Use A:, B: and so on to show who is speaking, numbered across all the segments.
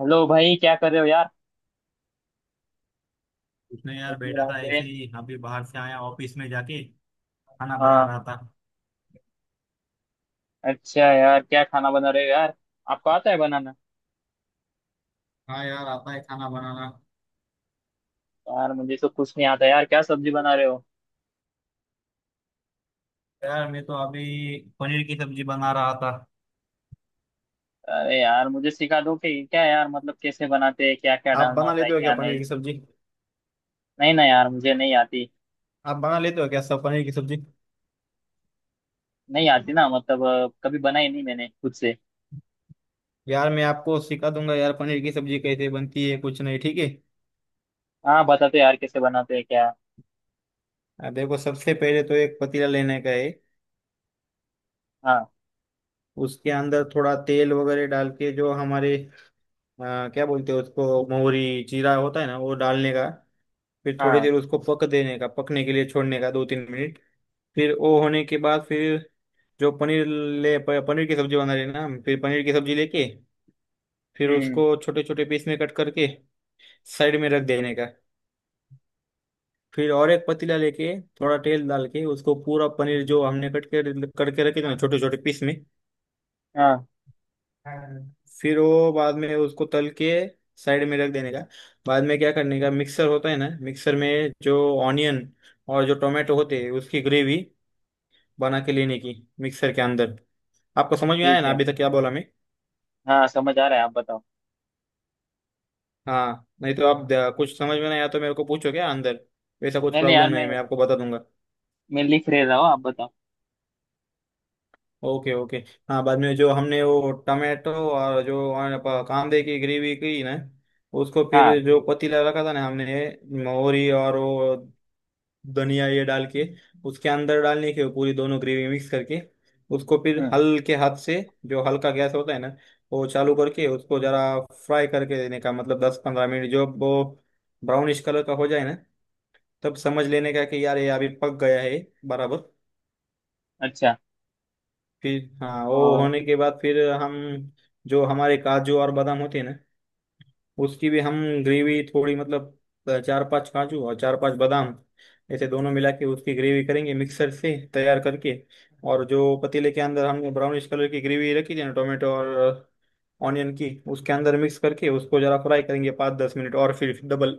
A: Hello भाई, क्या कर रहे हो यार?
B: उसने यार
A: इतनी
B: बैठा
A: रात
B: था
A: गए?
B: ऐसे ही। अभी बाहर से आया ऑफिस में जाके खाना बना
A: हाँ।
B: रहा था।
A: अच्छा यार, क्या खाना बना रहे हो यार? आपको आता है बनाना?
B: हाँ यार, आता है खाना बनाना।
A: यार मुझे तो कुछ नहीं आता यार। क्या सब्जी बना रहे हो?
B: यार मैं तो अभी पनीर की सब्जी बना रहा था।
A: अरे यार मुझे सिखा दो कि क्या यार, मतलब कैसे बनाते हैं, क्या क्या
B: आप
A: डालना
B: बना
A: होता है
B: लेते हो क्या
A: क्या
B: पनीर
A: नहीं।
B: की सब्जी?
A: नहीं ना यार, मुझे नहीं आती।
B: आप बना लेते हो क्या सब पनीर की सब्जी?
A: नहीं आती ना। मतलब कभी बनाई नहीं मैंने खुद से।
B: यार मैं आपको सिखा दूंगा यार, पनीर की सब्जी कैसे बनती है, कुछ नहीं, ठीक है।
A: हाँ बता दो यार, कैसे बनाते हैं क्या?
B: देखो, सबसे पहले तो एक पतीला लेने का है।
A: हाँ।
B: उसके अंदर थोड़ा तेल वगैरह डाल के, जो हमारे क्या बोलते हैं उसको, मोहरी जीरा होता है ना, वो डालने का। फिर थोड़ी
A: हाँ।
B: देर उसको पक देने का, पकने के लिए छोड़ने का 2-3 मिनट। फिर वो होने के बाद फिर जो पनीर पनीर की सब्जी बना लेना, फिर पनीर की सब्जी लेके फिर
A: हम्म।
B: उसको छोटे छोटे पीस में कट करके साइड में रख देने का। फिर और एक पतीला लेके थोड़ा तेल डाल के उसको पूरा पनीर जो हमने कट के करके रखे थे ना छोटे छोटे पीस में,
A: हाँ।
B: फिर वो बाद में उसको तल के साइड में रख देने का। बाद में क्या करने का, मिक्सर होता है ना, मिक्सर में जो ऑनियन और जो टोमेटो होते हैं उसकी ग्रेवी बना के लेने की, मिक्सर के अंदर। आपको समझ में आया
A: ठीक
B: ना
A: है।
B: अभी तक क्या बोला मैं?
A: हाँ समझ आ रहा है, आप बताओ।
B: हाँ, नहीं तो कुछ समझ में नहीं आया तो मेरे को पूछो, क्या अंदर वैसा कुछ
A: नहीं नहीं
B: प्रॉब्लम
A: यार,
B: नहीं
A: मैं
B: है, मैं आपको बता दूंगा।
A: मैं लिख रह रहा हूँ, आप बताओ।
B: Okay okay. हाँ, बाद में जो हमने वो टमाटो और जो हमारे कांदे की ग्रेवी की ना, उसको फिर
A: हाँ।
B: जो पतीला रखा था ना हमने, मोहरी और वो धनिया ये डाल के उसके अंदर डालने के, पूरी दोनों ग्रेवी मिक्स करके उसको फिर
A: हम्म।
B: हल्के हाथ से, जो हल्का गैस होता है ना वो चालू करके उसको जरा फ्राई करके देने का, मतलब 10-15 मिनट, जो वो ब्राउनिश कलर का हो जाए ना तब समझ लेने का कि यार ये अभी पक गया है बराबर।
A: अच्छा।
B: फिर हाँ, वो
A: और।
B: होने के बाद फिर हम, जो हमारे काजू और बादाम होते हैं ना, उसकी भी हम ग्रेवी थोड़ी मतलब चार पांच काजू और चार पांच बादाम, ऐसे दोनों मिला के उसकी ग्रेवी करेंगे मिक्सर से तैयार करके, और जो पतीले के अंदर हमने ब्राउनिश कलर की ग्रेवी रखी थी ना टोमेटो और ऑनियन की, उसके अंदर मिक्स करके उसको जरा फ्राई करेंगे 5-10 मिनट और फिर डबल।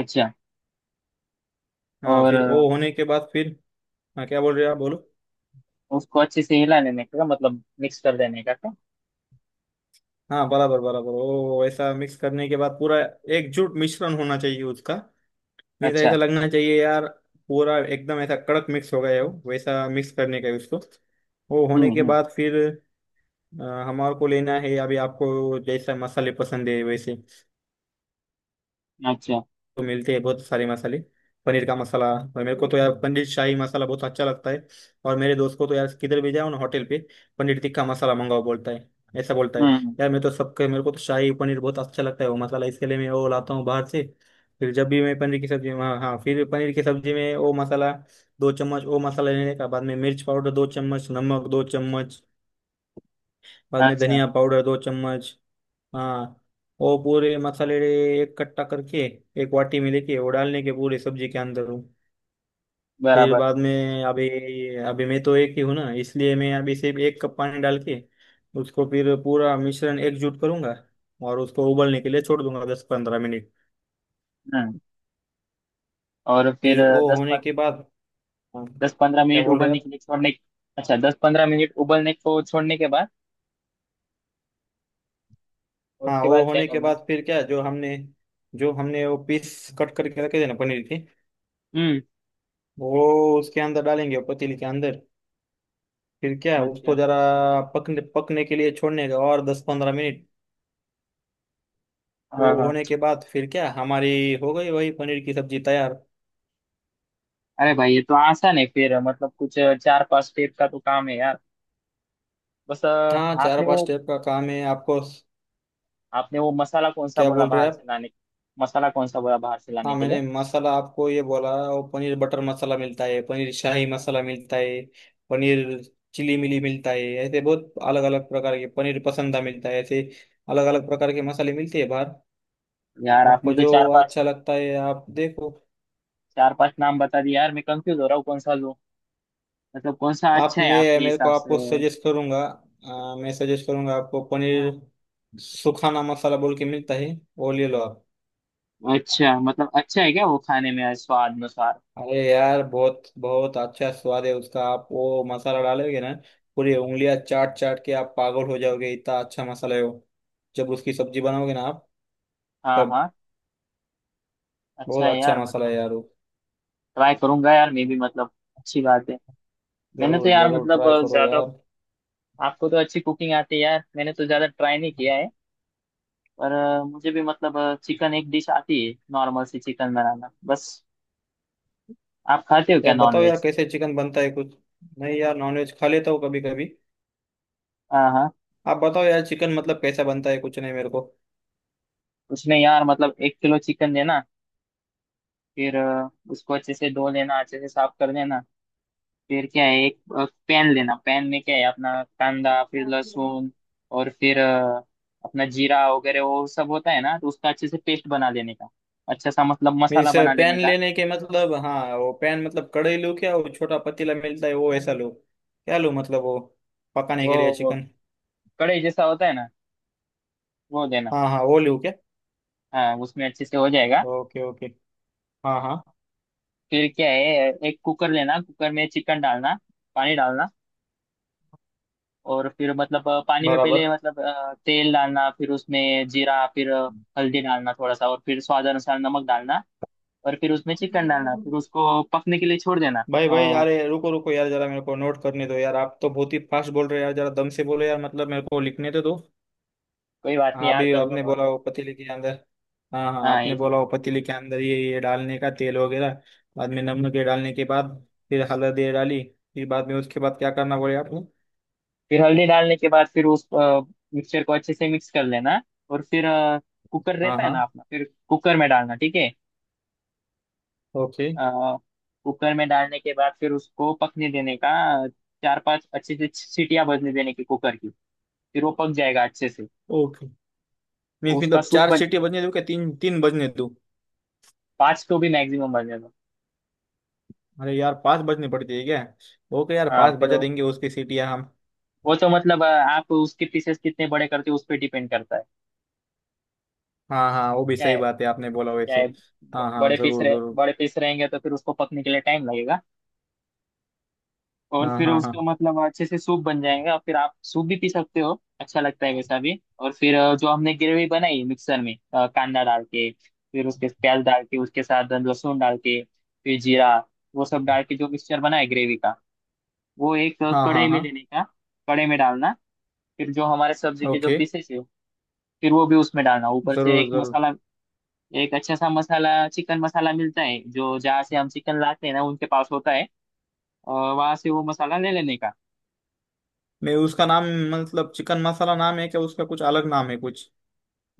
A: अच्छा।
B: हाँ,
A: और
B: फिर वो होने के बाद फिर, हाँ क्या बोल रहे हो आप, बोलो।
A: उसको अच्छे से हिला लेने का मतलब मिक्स कर देने का क्या?
B: हाँ बराबर बराबर, वो ऐसा मिक्स करने के बाद पूरा एकजुट मिश्रण होना चाहिए उसका। मीन्स
A: अच्छा।
B: ऐसा लगना चाहिए यार, पूरा एकदम ऐसा कड़क मिक्स हो गया हो, वैसा मिक्स करने का है उसको। वो होने के
A: हम्म
B: बाद फिर हमारे को लेना है, अभी आपको जैसा मसाले पसंद है वैसे,
A: हम्म। अच्छा।
B: तो मिलते हैं बहुत सारे मसाले, पनीर का मसाला। और मेरे को तो यार पनीर शाही मसाला बहुत अच्छा लगता है। और मेरे दोस्त को तो यार, किधर भी जाओ ना होटल पे, पनीर टिक्का मसाला मंगाओ, बोलता है, ऐसा बोलता है।
A: हम्म।
B: यार मैं तो सबके, मेरे को तो शाही पनीर बहुत अच्छा लगता है, वो मसाला इसके लिए मैं वो लाता हूँ बाहर से। फिर जब भी मैं पनीर की सब्जी, हाँ हाँ, फिर पनीर की सब्जी में वो मसाला, 2 चम्मच वो मसाला लेने का, बाद में मिर्च पाउडर 2 चम्मच, नमक 2 चम्मच, बाद में
A: अच्छा।
B: धनिया पाउडर 2 चम्मच। हाँ, वो पूरे मसाले एक कट्टा करके एक वाटी में लेके वो डालने के पूरे सब्जी के अंदर वो। फिर
A: बराबर।
B: बाद में अभी, अभी मैं तो एक ही हूँ ना, इसलिए मैं अभी सिर्फ 1 कप पानी डाल के उसको फिर पूरा मिश्रण एकजुट करूंगा और उसको उबलने के लिए छोड़ दूंगा 10-15 मिनट।
A: हम्म। और फिर?
B: फिर वो
A: दस
B: होने
A: पन,,
B: के बाद, हाँ,
A: 10-15
B: क्या
A: मिनट
B: बोल रहे हैं
A: उबलने
B: आप?
A: के लिए छोड़ने। अच्छा, 10-15 मिनट उबलने को छोड़ने के बाद
B: हाँ,
A: उसके
B: वो
A: बाद क्या
B: होने के
A: करना?
B: बाद फिर क्या, जो हमने वो पीस कट करके रखे थे ना पनीर के,
A: हम्म।
B: वो उसके अंदर डालेंगे पतीली के अंदर। फिर क्या उसको
A: अच्छा।
B: जरा पकने, पकने के लिए छोड़ने का और 10-15 मिनट। वो
A: हाँ हाँ।
B: होने के बाद फिर क्या, हमारी हो गई वही पनीर की सब्जी तैयार।
A: अरे भाई, ये तो आसान है फिर। मतलब कुछ 4-5 स्टेप का तो काम है यार। बस
B: हाँ, चार
A: आपने
B: पांच
A: वो,
B: स्टेप का काम है आपको।
A: आपने वो मसाला कौन सा
B: क्या
A: बोला
B: बोल रहे
A: बाहर
B: हैं
A: से
B: आप?
A: लाने? मसाला कौन सा बोला बाहर से लाने
B: हाँ,
A: के लिए?
B: मैंने मसाला आपको ये बोला, वो पनीर बटर मसाला मिलता है, पनीर शाही मसाला मिलता है, पनीर चिली मिली मिलता है, ऐसे बहुत अलग अलग प्रकार के पनीर पसंदा मिलता है, ऐसे अलग अलग प्रकार के मसाले मिलते हैं बाहर।
A: यार आपने
B: आपको
A: तो
B: जो
A: 4-5,
B: अच्छा लगता है आप देखो।
A: 4-5 नाम बता दिए यार, मैं कंफ्यूज हो रहा हूँ, कौन सा लूँ? मतलब कौन सा
B: आप,
A: अच्छा है
B: मैं
A: आपके
B: मेरे को,
A: हिसाब से?
B: आपको सजेस्ट करूंगा मैं सजेस्ट करूंगा आपको पनीर सुखाना मसाला बोल के मिलता है, वो ले लो आप।
A: अच्छा, मतलब अच्छा है क्या वो, खाने में स्वाद अनुसार?
B: अरे यार बहुत बहुत अच्छा स्वाद है उसका, आप वो मसाला डालोगे ना, पूरी उंगलियां चाट चाट के आप पागल हो जाओगे, इतना अच्छा मसाला है वो, जब उसकी सब्जी बनाओगे ना आप
A: हाँ
B: तब।
A: हाँ। अच्छा
B: बहुत
A: है
B: अच्छा
A: यार?
B: मसाला
A: मतलब
B: है यार वो।
A: ट्राई करूंगा यार मैं भी, मतलब अच्छी बात है। मैंने तो
B: जरूर
A: यार
B: जरूर
A: मतलब
B: ट्राई करो
A: ज्यादा,
B: यार।
A: आपको तो अच्छी कुकिंग आती है यार, मैंने तो ज्यादा ट्राई नहीं किया है। पर मुझे भी मतलब चिकन एक डिश आती है, नॉर्मल सी चिकन बनाना बस। आप खाते हो क्या
B: यार बताओ यार
A: नॉनवेज?
B: कैसे चिकन बनता है, कुछ नहीं यार नॉनवेज खा लेता हूँ कभी कभी।
A: हाँ हाँ।
B: आप बताओ यार, चिकन मतलब कैसा बनता है कुछ नहीं मेरे
A: उसमें यार मतलब 1 किलो चिकन देना, फिर उसको अच्छे से धो लेना, अच्छे से साफ कर लेना। फिर क्या है, एक पैन लेना। पैन में क्या है, अपना कांदा, फिर
B: को।
A: लहसुन, और फिर अपना जीरा वगैरह वो सब होता है ना, तो उसका अच्छे से पेस्ट बना लेने का, अच्छा सा मतलब मसाला
B: मीन्स,
A: बना लेने
B: पेन
A: का।
B: लेने के मतलब, हाँ वो पेन मतलब कड़े लूँ क्या, वो छोटा पतीला मिलता है वो ऐसा लूँ क्या, लूँ मतलब वो, पकाने
A: वो
B: के लिए
A: वो
B: चिकन।
A: कढ़ाई जैसा होता है ना, वो देना।
B: हाँ हाँ, वो लूँ क्या?
A: हाँ उसमें अच्छे से हो जाएगा।
B: Okay okay. हाँ हाँ
A: फिर क्या है, एक कुकर लेना, कुकर में चिकन डालना, पानी डालना। और फिर मतलब पानी में पहले
B: बराबर।
A: मतलब तेल डालना, फिर उसमें जीरा, फिर हल्दी डालना थोड़ा सा, और फिर स्वाद अनुसार नमक डालना, और फिर उसमें चिकन डालना, फिर उसको पकने के लिए छोड़ देना।
B: भाई भाई
A: हाँ,
B: यार, ये रुको रुको यार, जरा मेरे को नोट करने दो यार, आप तो बहुत ही फास्ट बोल रहे हो यार, जरा दम से बोलो यार, मतलब मेरे को लिखने तो दो।
A: कोई बात नहीं
B: हाँ,
A: यार,
B: अभी
A: कर लो
B: आपने
A: नोट।
B: बोला वो पतीले के अंदर, हाँ हाँ
A: हाँ ये
B: आपने
A: चीज
B: बोला वो पतीले
A: बिल्कुल।
B: के अंदर ये डालने का तेल वगैरह, बाद में नमक ये डालने के बाद फिर हल्दी ये डाली, फिर बाद में उसके बाद क्या करना बोले आप?
A: फिर हल्दी डालने के बाद फिर उस मिक्सचर को अच्छे से मिक्स कर लेना, और फिर कुकर
B: हाँ
A: रहता है ना
B: हाँ,
A: अपना, फिर कुकर में डालना, ठीक है।
B: ओके
A: अ, कुकर में डालने के बाद फिर उसको पकने देने का, अ, 4-5 अच्छे से सीटियां बजने देने की कुकर की, फिर वो पक जाएगा अच्छे से।
B: ओके।
A: तो
B: मीन्स,
A: उसका
B: मतलब
A: सूप
B: चार
A: बन,
B: सीटी बजने दूं क्या, तीन तीन बजने दूं?
A: 5 तो भी मैक्सिमम बनेगा।
B: अरे यार पांच बजने पड़ती है क्या? ओके यार,
A: हाँ
B: पांच
A: फिर
B: बजा
A: वो
B: देंगे उसकी सीटियां हम।
A: वो तो मतलब आप उसके पीसेस कितने बड़े करते हो उस पर डिपेंड करता है।
B: हाँ हाँ, वो भी
A: क्या
B: सही
A: है,
B: बात है, आपने बोला
A: क्या
B: वैसे।
A: है,
B: हाँ हाँ
A: बड़े पीस
B: जरूर
A: रहे,
B: जरूर।
A: बड़े पीस रहेंगे तो फिर उसको पकने के लिए टाइम लगेगा, और
B: हाँ
A: फिर
B: हाँ हाँ।
A: उसका मतलब अच्छे से सूप बन जाएगा, फिर आप सूप भी पी सकते हो, अच्छा लगता है वैसा भी। और फिर जो हमने ग्रेवी बनाई मिक्सर में, कांदा डाल के, फिर उसके प्याज डाल के, उसके साथ लहसुन डाल के, फिर जीरा, वो सब डाल के जो मिक्सचर बना है ग्रेवी का, वो एक
B: हाँ हाँ
A: कढ़ाई में
B: हाँ।
A: लेने का, कढ़ाई में डालना, फिर जो हमारे सब्जी के जो
B: ओके।
A: पीसेस है, फिर वो भी उसमें डालना, ऊपर से
B: जरूर
A: एक
B: जरूर।
A: मसाला। एक अच्छा सा मसाला चिकन मसाला मिलता है जो, जहाँ से हम चिकन लाते हैं ना उनके पास होता है, और वहां से वो मसाला ले लेने का।
B: नहीं, उसका नाम, मतलब चिकन मसाला नाम है क्या उसका, कुछ अलग नाम है कुछ?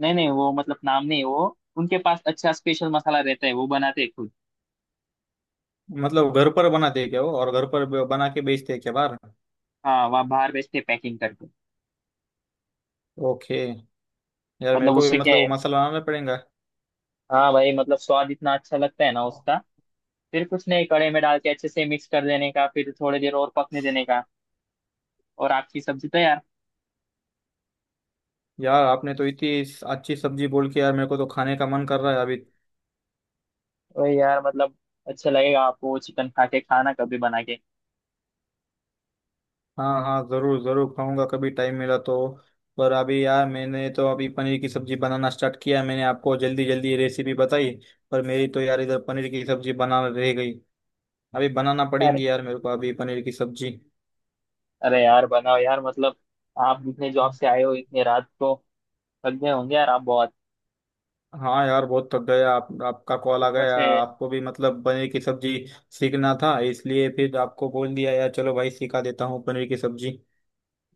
A: नहीं नहीं, वो मतलब नाम नहीं, वो उनके पास अच्छा स्पेशल मसाला रहता है, वो बनाते हैं खुद।
B: मतलब घर पर बनाते हैं क्या वो, और घर पर बना के बेचते हैं क्या बाहर?
A: हाँ वहाँ बाहर बेचते पैकिंग करके।
B: ओके। यार मेरे
A: मतलब
B: को भी
A: उससे क्या
B: मतलब वो
A: है,
B: मसाला बनाना पड़ेगा।
A: हाँ भाई मतलब स्वाद इतना अच्छा लगता है ना उसका। फिर कुछ नहीं, कड़े में डाल के अच्छे से मिक्स कर देने का, फिर थोड़ी देर और पकने देने का, और आपकी सब्जी तैयार।
B: यार आपने तो इतनी अच्छी सब्जी बोल के यार, मेरे को तो खाने का मन कर रहा है अभी।
A: वही यार मतलब अच्छा लगेगा आपको चिकन खा के, खाना कभी बना
B: हाँ हाँ जरूर जरूर, खाऊंगा कभी टाइम मिला तो। पर अभी यार मैंने तो अभी पनीर की सब्जी बनाना स्टार्ट किया है। मैंने आपको जल्दी जल्दी रेसिपी बताई, पर मेरी तो यार इधर पनीर की सब्जी बनाना रह गई, अभी बनाना
A: के।
B: पड़ेंगी यार मेरे को अभी पनीर की सब्जी।
A: अरे यार बनाओ यार मतलब, आप जितने जॉब से आए हो इतने रात को, थक गए होंगे यार आप बहुत,
B: हाँ यार बहुत थक गया, आप, आपका कॉल आ
A: ऊपर
B: गया,
A: से।
B: आपको भी मतलब पनीर की सब्जी सीखना था, इसलिए फिर आपको बोल दिया यार, चलो भाई सिखा देता हूँ पनीर की सब्जी।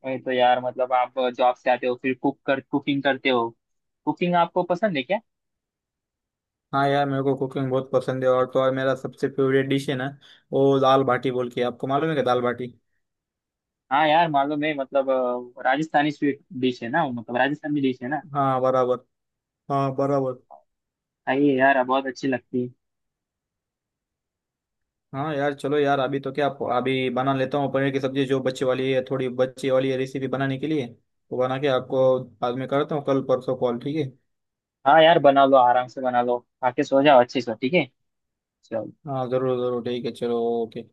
A: वही तो यार मतलब, आप जॉब से आते हो फिर कुक कर, कुकिंग करते हो। कुकिंग आपको पसंद है क्या?
B: हाँ यार मेरे को कुकिंग बहुत पसंद है, और तो और मेरा सबसे फेवरेट डिश है ना, वो दाल बाटी बोल के, आपको मालूम है क्या दाल बाटी?
A: हाँ यार मालूम है, मतलब राजस्थानी स्वीट डिश है ना वो, मतलब राजस्थानी डिश है ना।
B: हाँ बराबर। हाँ बराबर।
A: खाइए यार, बहुत अच्छी लगती है।
B: हाँ यार चलो यार, अभी तो क्या, अभी बना लेता हूँ पनीर की सब्जी, जो बच्चे वाली है, थोड़ी बच्चे वाली है रेसिपी बनाने के लिए, तो बना के आपको बाद में करता हूँ कल परसों कॉल, ठीक है।
A: हाँ यार बना लो आराम से, बना लो, आके सो जाओ अच्छे से, ठीक है। चलो।
B: हाँ जरूर जरूर ठीक है चलो ओके।